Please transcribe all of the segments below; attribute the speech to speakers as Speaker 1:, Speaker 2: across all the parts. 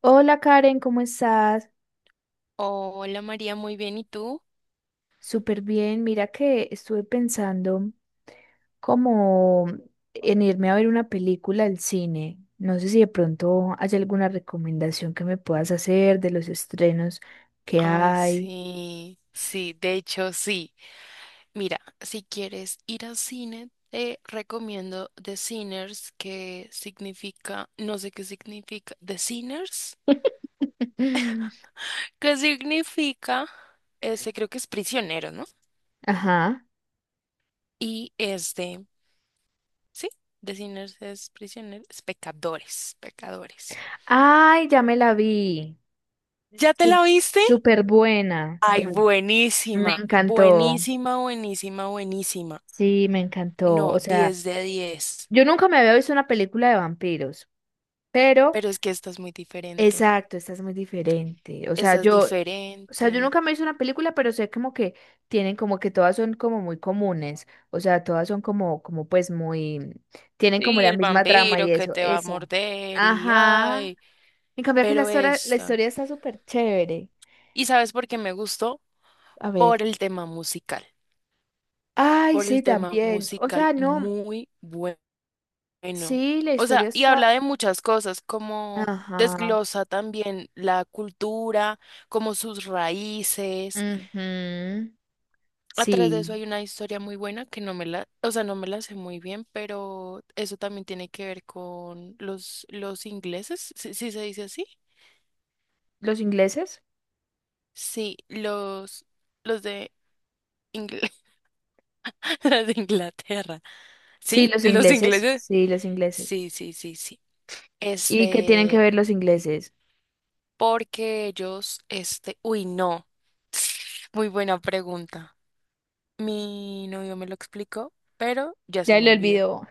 Speaker 1: Hola Karen, ¿cómo estás?
Speaker 2: Hola María, muy bien, ¿y tú?
Speaker 1: Súper bien. Mira que estuve pensando como en irme a ver una película al cine. No sé si de pronto hay alguna recomendación que me puedas hacer de los estrenos que
Speaker 2: Ay,
Speaker 1: hay.
Speaker 2: sí, sí, de hecho sí. Mira, si quieres ir al cine, te recomiendo The Sinners, que significa, no sé qué significa, The Sinners, que significa, ese creo que es prisionero, ¿no?
Speaker 1: Ajá.
Speaker 2: Y es de, sí, The Sinners es prisionero, es pecadores, pecadores.
Speaker 1: Ay, ya me la vi.
Speaker 2: ¿Ya te
Speaker 1: Sú-
Speaker 2: la viste?
Speaker 1: Súper buena.
Speaker 2: Ay,
Speaker 1: Súper- Me
Speaker 2: buenísima,
Speaker 1: encantó.
Speaker 2: buenísima, buenísima, buenísima.
Speaker 1: Sí, me encantó. O
Speaker 2: No,
Speaker 1: sea,
Speaker 2: 10 de 10.
Speaker 1: yo nunca me había visto una película de vampiros. Pero
Speaker 2: Pero es que esta es muy diferente.
Speaker 1: exacto, estás muy diferente. O sea,
Speaker 2: Esa es
Speaker 1: o sea, yo
Speaker 2: diferente.
Speaker 1: nunca me hice una película, pero sé como que tienen como que todas son como muy comunes. O sea, todas son como, como pues muy, tienen como
Speaker 2: Y
Speaker 1: la
Speaker 2: el
Speaker 1: misma trama y
Speaker 2: vampiro que
Speaker 1: eso.
Speaker 2: te va a
Speaker 1: Esa.
Speaker 2: morder y
Speaker 1: Ajá.
Speaker 2: ay,
Speaker 1: En cambio aquí
Speaker 2: pero
Speaker 1: la
Speaker 2: esta.
Speaker 1: historia está súper chévere.
Speaker 2: ¿Y sabes por qué me gustó?
Speaker 1: A
Speaker 2: Por
Speaker 1: ver.
Speaker 2: el tema musical.
Speaker 1: Ay,
Speaker 2: Por
Speaker 1: sí,
Speaker 2: el tema
Speaker 1: también. O
Speaker 2: musical
Speaker 1: sea, no.
Speaker 2: muy bueno.
Speaker 1: Sí, la
Speaker 2: O
Speaker 1: historia
Speaker 2: sea, y
Speaker 1: está.
Speaker 2: habla de muchas cosas, como
Speaker 1: Ajá.
Speaker 2: desglosa también la cultura, como sus raíces.
Speaker 1: Ujú.
Speaker 2: Atrás de
Speaker 1: Sí.
Speaker 2: eso hay una historia muy buena que no me la, o sea, no me la sé muy bien, pero eso también tiene que ver con los ingleses, si se dice así.
Speaker 1: ¿Los ingleses?
Speaker 2: Sí, los de, Ingl- los de Inglaterra.
Speaker 1: Sí,
Speaker 2: ¿Sí?
Speaker 1: los
Speaker 2: Los
Speaker 1: ingleses.
Speaker 2: ingleses.
Speaker 1: Sí, los ingleses.
Speaker 2: Sí, sí, sí, sí.
Speaker 1: ¿Y qué tienen que
Speaker 2: Este,
Speaker 1: ver los ingleses?
Speaker 2: porque ellos, este, uy, no. Muy buena pregunta. Mi novio me lo explicó, pero ya se
Speaker 1: Ya
Speaker 2: me
Speaker 1: lo
Speaker 2: olvidó.
Speaker 1: olvidó.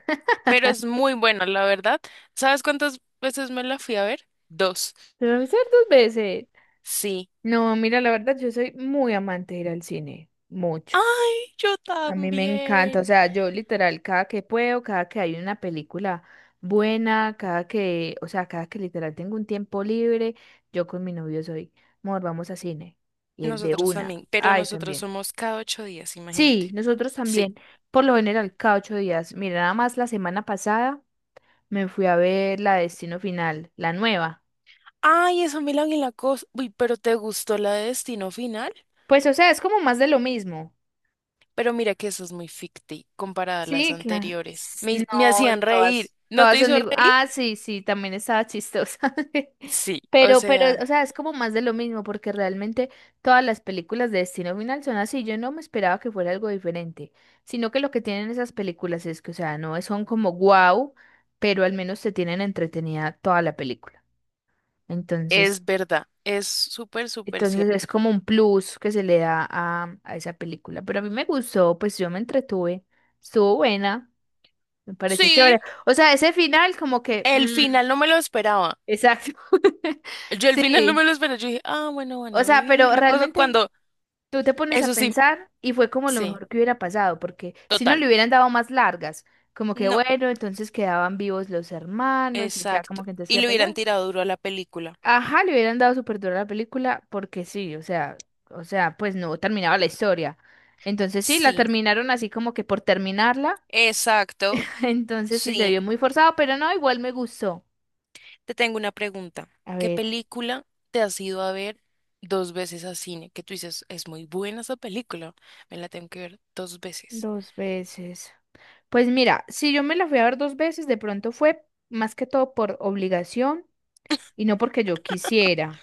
Speaker 2: Pero es muy buena, la verdad. ¿Sabes cuántas veces me la fui a ver? Dos.
Speaker 1: Lo voy a hacer dos veces.
Speaker 2: Sí.
Speaker 1: No, mira, la verdad, yo soy muy amante de ir al cine. Mucho.
Speaker 2: Ay, yo
Speaker 1: A mí me encanta. O
Speaker 2: también.
Speaker 1: sea, yo literal, cada que puedo, cada que hay una película buena, cada que, o sea, cada que literal tengo un tiempo libre, yo con mi novio soy, amor, vamos a cine. Y el de
Speaker 2: Nosotros
Speaker 1: una.
Speaker 2: también, pero
Speaker 1: Ay,
Speaker 2: nosotros
Speaker 1: también.
Speaker 2: somos cada 8 días, imagínate.
Speaker 1: Sí, nosotros
Speaker 2: Sí.
Speaker 1: también. Por lo general, cada ocho días. Mira, nada más la semana pasada me fui a ver la Destino Final, la nueva.
Speaker 2: Ay, esa Milán y la cosa. Uy, pero ¿te gustó la de Destino Final?
Speaker 1: Pues, o sea, es como más de lo mismo.
Speaker 2: Pero mira que esa es muy ficti comparada a las
Speaker 1: Sí, claro.
Speaker 2: anteriores.
Speaker 1: S-
Speaker 2: Me
Speaker 1: No,
Speaker 2: hacían reír. ¿No
Speaker 1: todas
Speaker 2: te
Speaker 1: son
Speaker 2: hizo
Speaker 1: digo,
Speaker 2: reír?
Speaker 1: ah, sí, sí, también estaba chistosa.
Speaker 2: Sí, o
Speaker 1: Pero,
Speaker 2: sea,
Speaker 1: o sea, es como más de lo mismo, porque realmente todas las películas de Destino Final son así. Yo no me esperaba que fuera algo diferente, sino que lo que tienen esas películas es que, o sea, no son como wow, pero al menos te tienen entretenida toda la película. Entonces,
Speaker 2: es verdad. Es súper, súper cierto.
Speaker 1: entonces es como un plus que se le da a esa película. Pero a mí me gustó, pues yo me entretuve. Estuvo buena, me pareció
Speaker 2: Sí,
Speaker 1: chévere. O sea, ese final como que...
Speaker 2: el final no me lo esperaba.
Speaker 1: exacto.
Speaker 2: Yo al final no
Speaker 1: Sí.
Speaker 2: me lo esperé. Yo dije, ah, bueno, van
Speaker 1: O
Speaker 2: a
Speaker 1: sea,
Speaker 2: vivir
Speaker 1: pero
Speaker 2: la cosa
Speaker 1: realmente
Speaker 2: cuando.
Speaker 1: tú te pones a
Speaker 2: Eso sí,
Speaker 1: pensar y fue como lo
Speaker 2: sí,
Speaker 1: mejor que hubiera pasado, porque si no
Speaker 2: total.
Speaker 1: le hubieran dado más largas, como que
Speaker 2: No,
Speaker 1: bueno, entonces quedaban vivos los hermanos y ya
Speaker 2: exacto.
Speaker 1: como que entonces qué
Speaker 2: Y
Speaker 1: iba a
Speaker 2: le hubieran
Speaker 1: pasar.
Speaker 2: tirado duro a la película.
Speaker 1: Ajá, le hubieran dado súper duro a la película porque sí, o sea, pues no terminaba la historia. Entonces sí, la
Speaker 2: Sí,
Speaker 1: terminaron así como que por terminarla.
Speaker 2: exacto.
Speaker 1: Entonces sí se
Speaker 2: Sí.
Speaker 1: vio muy forzado, pero no, igual me gustó.
Speaker 2: Te tengo una pregunta.
Speaker 1: A
Speaker 2: ¿Qué
Speaker 1: ver,
Speaker 2: película te has ido a ver dos veces a cine? Que tú dices, es muy buena esa película. Me la tengo que ver dos veces.
Speaker 1: dos veces. Pues mira, si yo me la fui a ver dos veces, de pronto fue más que todo por obligación y no porque yo quisiera.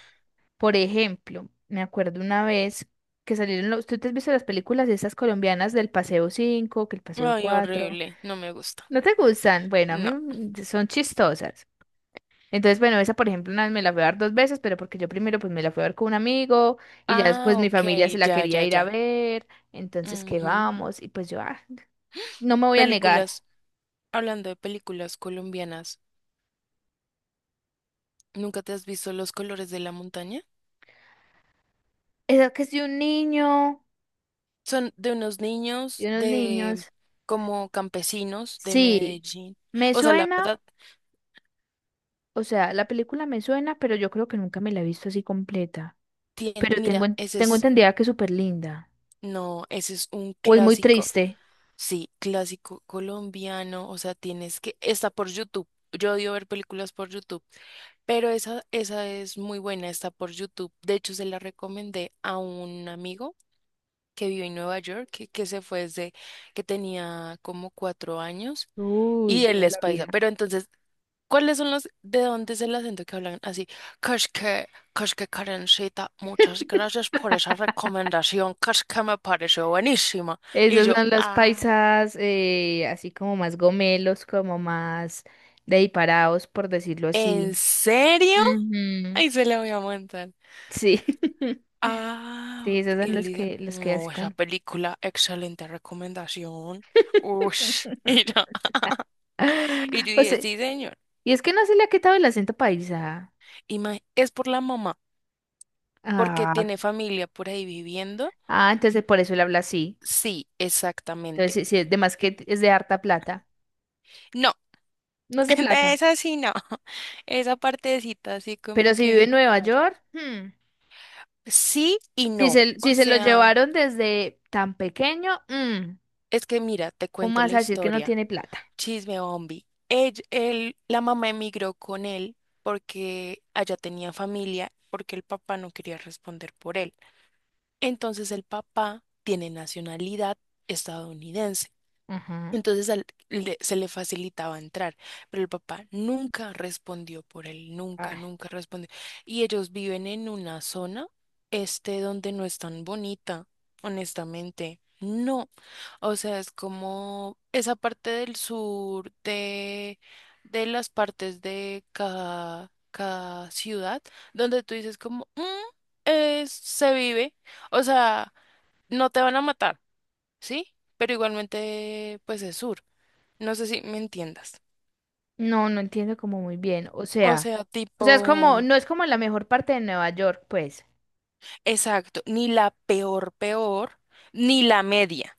Speaker 1: Por ejemplo, me acuerdo una vez que salieron los... ¿Tú te has visto las películas de esas colombianas del Paseo cinco, que el Paseo
Speaker 2: Ay,
Speaker 1: cuatro?
Speaker 2: horrible. No me gusta.
Speaker 1: ¿No te gustan? Bueno, a
Speaker 2: No.
Speaker 1: mí son chistosas. Entonces, bueno, esa por ejemplo una vez me la fui a ver dos veces, pero porque yo primero pues me la fui a ver con un amigo y ya después
Speaker 2: Ah,
Speaker 1: mi
Speaker 2: ok.
Speaker 1: familia se la
Speaker 2: Ya,
Speaker 1: quería
Speaker 2: ya,
Speaker 1: ir a
Speaker 2: ya.
Speaker 1: ver, entonces que
Speaker 2: Ujú.
Speaker 1: vamos y pues yo ah, no me voy a negar.
Speaker 2: Películas. Hablando de películas colombianas. ¿Nunca te has visto los colores de la montaña?
Speaker 1: Esa que soy un niño
Speaker 2: Son de unos
Speaker 1: y
Speaker 2: niños
Speaker 1: unos
Speaker 2: de
Speaker 1: niños.
Speaker 2: como campesinos de
Speaker 1: Sí,
Speaker 2: Medellín.
Speaker 1: me
Speaker 2: O sea, la
Speaker 1: suena,
Speaker 2: verdad
Speaker 1: o sea, la película me suena, pero yo creo que nunca me la he visto así completa.
Speaker 2: tiene,
Speaker 1: Pero
Speaker 2: mira, ese
Speaker 1: tengo
Speaker 2: es,
Speaker 1: entendida que es súper linda
Speaker 2: no, ese es un
Speaker 1: o es muy
Speaker 2: clásico,
Speaker 1: triste.
Speaker 2: sí, clásico colombiano. O sea, tienes que, está por YouTube. Yo odio ver películas por YouTube, pero esa es muy buena, está por YouTube. De hecho, se la recomendé a un amigo que vive en Nueva York, que se fue desde que tenía como 4 años.
Speaker 1: Uy,
Speaker 2: Y él
Speaker 1: toda
Speaker 2: es
Speaker 1: la
Speaker 2: paisa.
Speaker 1: vida.
Speaker 2: Pero entonces, ¿cuáles son de dónde es el acento que hablan así? Kashke, Kashke Karencita, muchas gracias por esa recomendación. Kashke me pareció buenísima. Y
Speaker 1: Esos
Speaker 2: yo,
Speaker 1: son los
Speaker 2: ah,
Speaker 1: paisas, así como más gomelos, como más de diparados, por decirlo
Speaker 2: ¿en
Speaker 1: así.
Speaker 2: serio?
Speaker 1: Ujú.
Speaker 2: Ahí se la voy a montar.
Speaker 1: Sí,
Speaker 2: Ah,
Speaker 1: sí,
Speaker 2: ok.
Speaker 1: esos
Speaker 2: Y
Speaker 1: son
Speaker 2: él dice,
Speaker 1: los que
Speaker 2: no,
Speaker 1: así
Speaker 2: esa
Speaker 1: como...
Speaker 2: película, excelente recomendación. Ush. Y yo, y yo
Speaker 1: Pues
Speaker 2: dije,
Speaker 1: sí.
Speaker 2: sí, señor.
Speaker 1: Y es que no se le ha quitado el acento paisa.
Speaker 2: Es por la mamá, porque
Speaker 1: Ah,
Speaker 2: tiene familia por ahí viviendo.
Speaker 1: ah, entonces por eso él habla así.
Speaker 2: Sí,
Speaker 1: Entonces,
Speaker 2: exactamente.
Speaker 1: sí, sí, es de más que es de harta plata.
Speaker 2: No.
Speaker 1: No es de
Speaker 2: De
Speaker 1: plata.
Speaker 2: esa sí no. Esa partecita así
Speaker 1: Pero
Speaker 2: como
Speaker 1: si vive
Speaker 2: que
Speaker 1: en Nueva
Speaker 2: fallo.
Speaker 1: York, hmm,
Speaker 2: Sí y no, o
Speaker 1: Si se lo
Speaker 2: sea,
Speaker 1: llevaron desde tan pequeño, mm,
Speaker 2: es que mira, te
Speaker 1: ¿cómo
Speaker 2: cuento
Speaker 1: vas
Speaker 2: la
Speaker 1: a decir que no
Speaker 2: historia,
Speaker 1: tiene plata?
Speaker 2: chisme bombi. La mamá emigró con él porque allá tenía familia, porque el papá no quería responder por él. Entonces el papá tiene nacionalidad estadounidense.
Speaker 1: Ajá.
Speaker 2: Entonces se le facilitaba entrar, pero el papá nunca respondió por él, nunca,
Speaker 1: Ay,
Speaker 2: nunca respondió. Y ellos viven en una zona, este, donde no es tan bonita, honestamente. No, o sea, es como esa parte del sur de, las partes de cada ciudad, donde tú dices como, "Mm, se vive, o sea, no te van a matar, ¿sí? Pero igualmente, pues es sur. No sé si me entiendas.
Speaker 1: no, no entiendo como muy bien. O
Speaker 2: O
Speaker 1: sea,
Speaker 2: sea,
Speaker 1: es como,
Speaker 2: tipo,
Speaker 1: no es como la mejor parte de Nueva York, pues.
Speaker 2: exacto, ni la peor, peor, ni la media.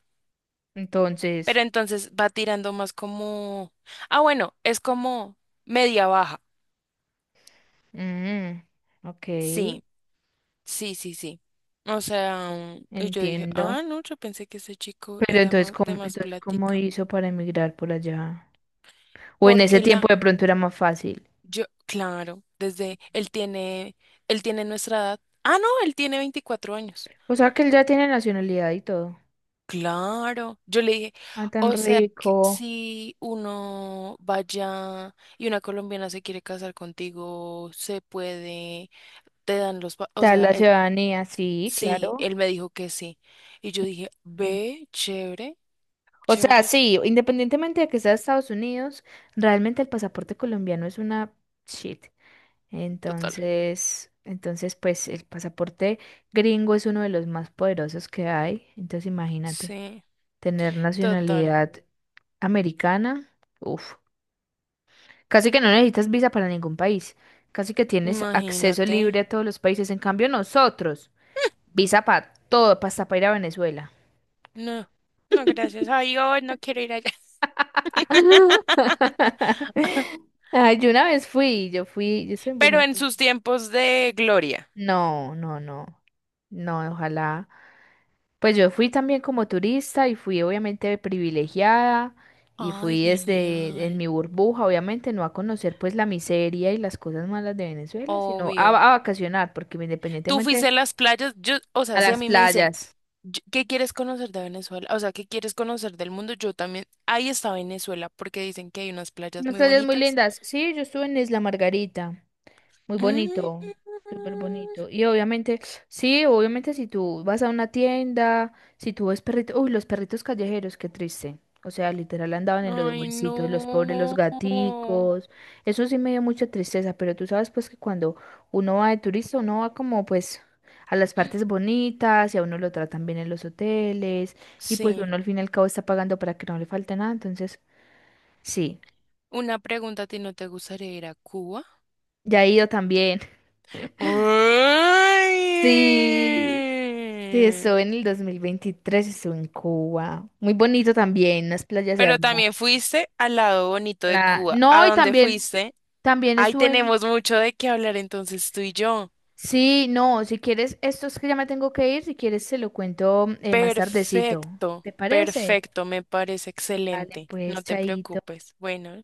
Speaker 1: Entonces,
Speaker 2: Pero entonces va tirando más como, ah, bueno, es como media baja.
Speaker 1: mm, ok,
Speaker 2: Sí, sí, sí, sí. O sea, y yo dije,
Speaker 1: entiendo.
Speaker 2: ah, no, yo pensé que ese chico
Speaker 1: Pero
Speaker 2: era más de más
Speaker 1: entonces, ¿cómo
Speaker 2: plática.
Speaker 1: hizo para emigrar por allá? O en ese
Speaker 2: Porque
Speaker 1: tiempo
Speaker 2: la,
Speaker 1: de pronto era más fácil.
Speaker 2: yo, claro, desde él tiene nuestra edad. Ah, no, él tiene 24 años.
Speaker 1: O sea, que él ya tiene nacionalidad y todo.
Speaker 2: Claro, yo le dije,
Speaker 1: Ah, tan
Speaker 2: o sea, que
Speaker 1: rico.
Speaker 2: si uno vaya y una colombiana se quiere casar contigo, se puede, te dan o
Speaker 1: Tal
Speaker 2: sea,
Speaker 1: la ciudadanía, sí,
Speaker 2: sí,
Speaker 1: claro.
Speaker 2: él me dijo que sí. Y yo dije,
Speaker 1: Mm.
Speaker 2: ve, chévere,
Speaker 1: O sea,
Speaker 2: chévere, chévere,
Speaker 1: sí, independientemente de que sea Estados Unidos, realmente el pasaporte colombiano es una shit.
Speaker 2: total.
Speaker 1: Entonces, pues el pasaporte gringo es uno de los más poderosos que hay. Entonces, imagínate,
Speaker 2: Sí,
Speaker 1: tener
Speaker 2: total,
Speaker 1: nacionalidad americana, uff, casi que no necesitas visa para ningún país. Casi que tienes acceso
Speaker 2: imagínate.
Speaker 1: libre a todos los países. En cambio, nosotros, visa para todo, pa' hasta para ir a Venezuela.
Speaker 2: No, no, gracias a Dios, no quiero ir allá.
Speaker 1: Ay, yo una vez fui, yo soy en
Speaker 2: Pero en
Speaker 1: Venezuela.
Speaker 2: sus tiempos de gloria.
Speaker 1: No, no, no. No, ojalá. Pues yo fui también como turista y fui obviamente privilegiada y
Speaker 2: Ay,
Speaker 1: fui desde en
Speaker 2: genial.
Speaker 1: mi burbuja, obviamente, no a conocer pues la miseria y las cosas malas de Venezuela, sino
Speaker 2: Obvio.
Speaker 1: a vacacionar, porque
Speaker 2: Tú fuiste
Speaker 1: independientemente
Speaker 2: a las playas, yo, o
Speaker 1: a
Speaker 2: sea, si a
Speaker 1: las
Speaker 2: mí me dicen,
Speaker 1: playas.
Speaker 2: ¿Qué quieres conocer de Venezuela? O sea, ¿qué quieres conocer del mundo? Yo también, ahí está Venezuela, porque dicen que hay unas playas
Speaker 1: Unas
Speaker 2: muy
Speaker 1: playas muy
Speaker 2: bonitas.
Speaker 1: lindas. Sí, yo estuve en Isla Margarita. Muy
Speaker 2: Mm.
Speaker 1: bonito, súper bonito. Y obviamente, sí, obviamente si tú vas a una tienda, si tú ves perritos, uy, los perritos callejeros, qué triste. O sea, literal andaban en los
Speaker 2: Ay, no.
Speaker 1: huesitos, los pobres, los gaticos. Eso sí me dio mucha tristeza, pero tú sabes pues que cuando uno va de turista, uno va como pues a las partes bonitas y a uno lo tratan bien en los hoteles y pues
Speaker 2: Sí,
Speaker 1: uno al fin y al cabo está pagando para que no le falte nada. Entonces, sí,
Speaker 2: una pregunta a ti, ¿no te gustaría ir a Cuba?
Speaker 1: ya he ido también. Sí. Sí,
Speaker 2: Ay.
Speaker 1: estuve en el 2023, estuve en Cuba. Muy bonito también, las playas
Speaker 2: Pero
Speaker 1: hermosas.
Speaker 2: también fuiste al lado bonito de Cuba. ¿A
Speaker 1: No, y
Speaker 2: dónde
Speaker 1: también,
Speaker 2: fuiste?
Speaker 1: también
Speaker 2: Ahí
Speaker 1: estuve en...
Speaker 2: tenemos mucho de qué hablar entonces tú y yo.
Speaker 1: Sí, no, si quieres, esto es que ya me tengo que ir, si quieres se lo cuento más tardecito.
Speaker 2: Perfecto,
Speaker 1: ¿Te parece?
Speaker 2: perfecto, me parece
Speaker 1: Dale,
Speaker 2: excelente.
Speaker 1: pues,
Speaker 2: No te
Speaker 1: chaito.
Speaker 2: preocupes. Bueno.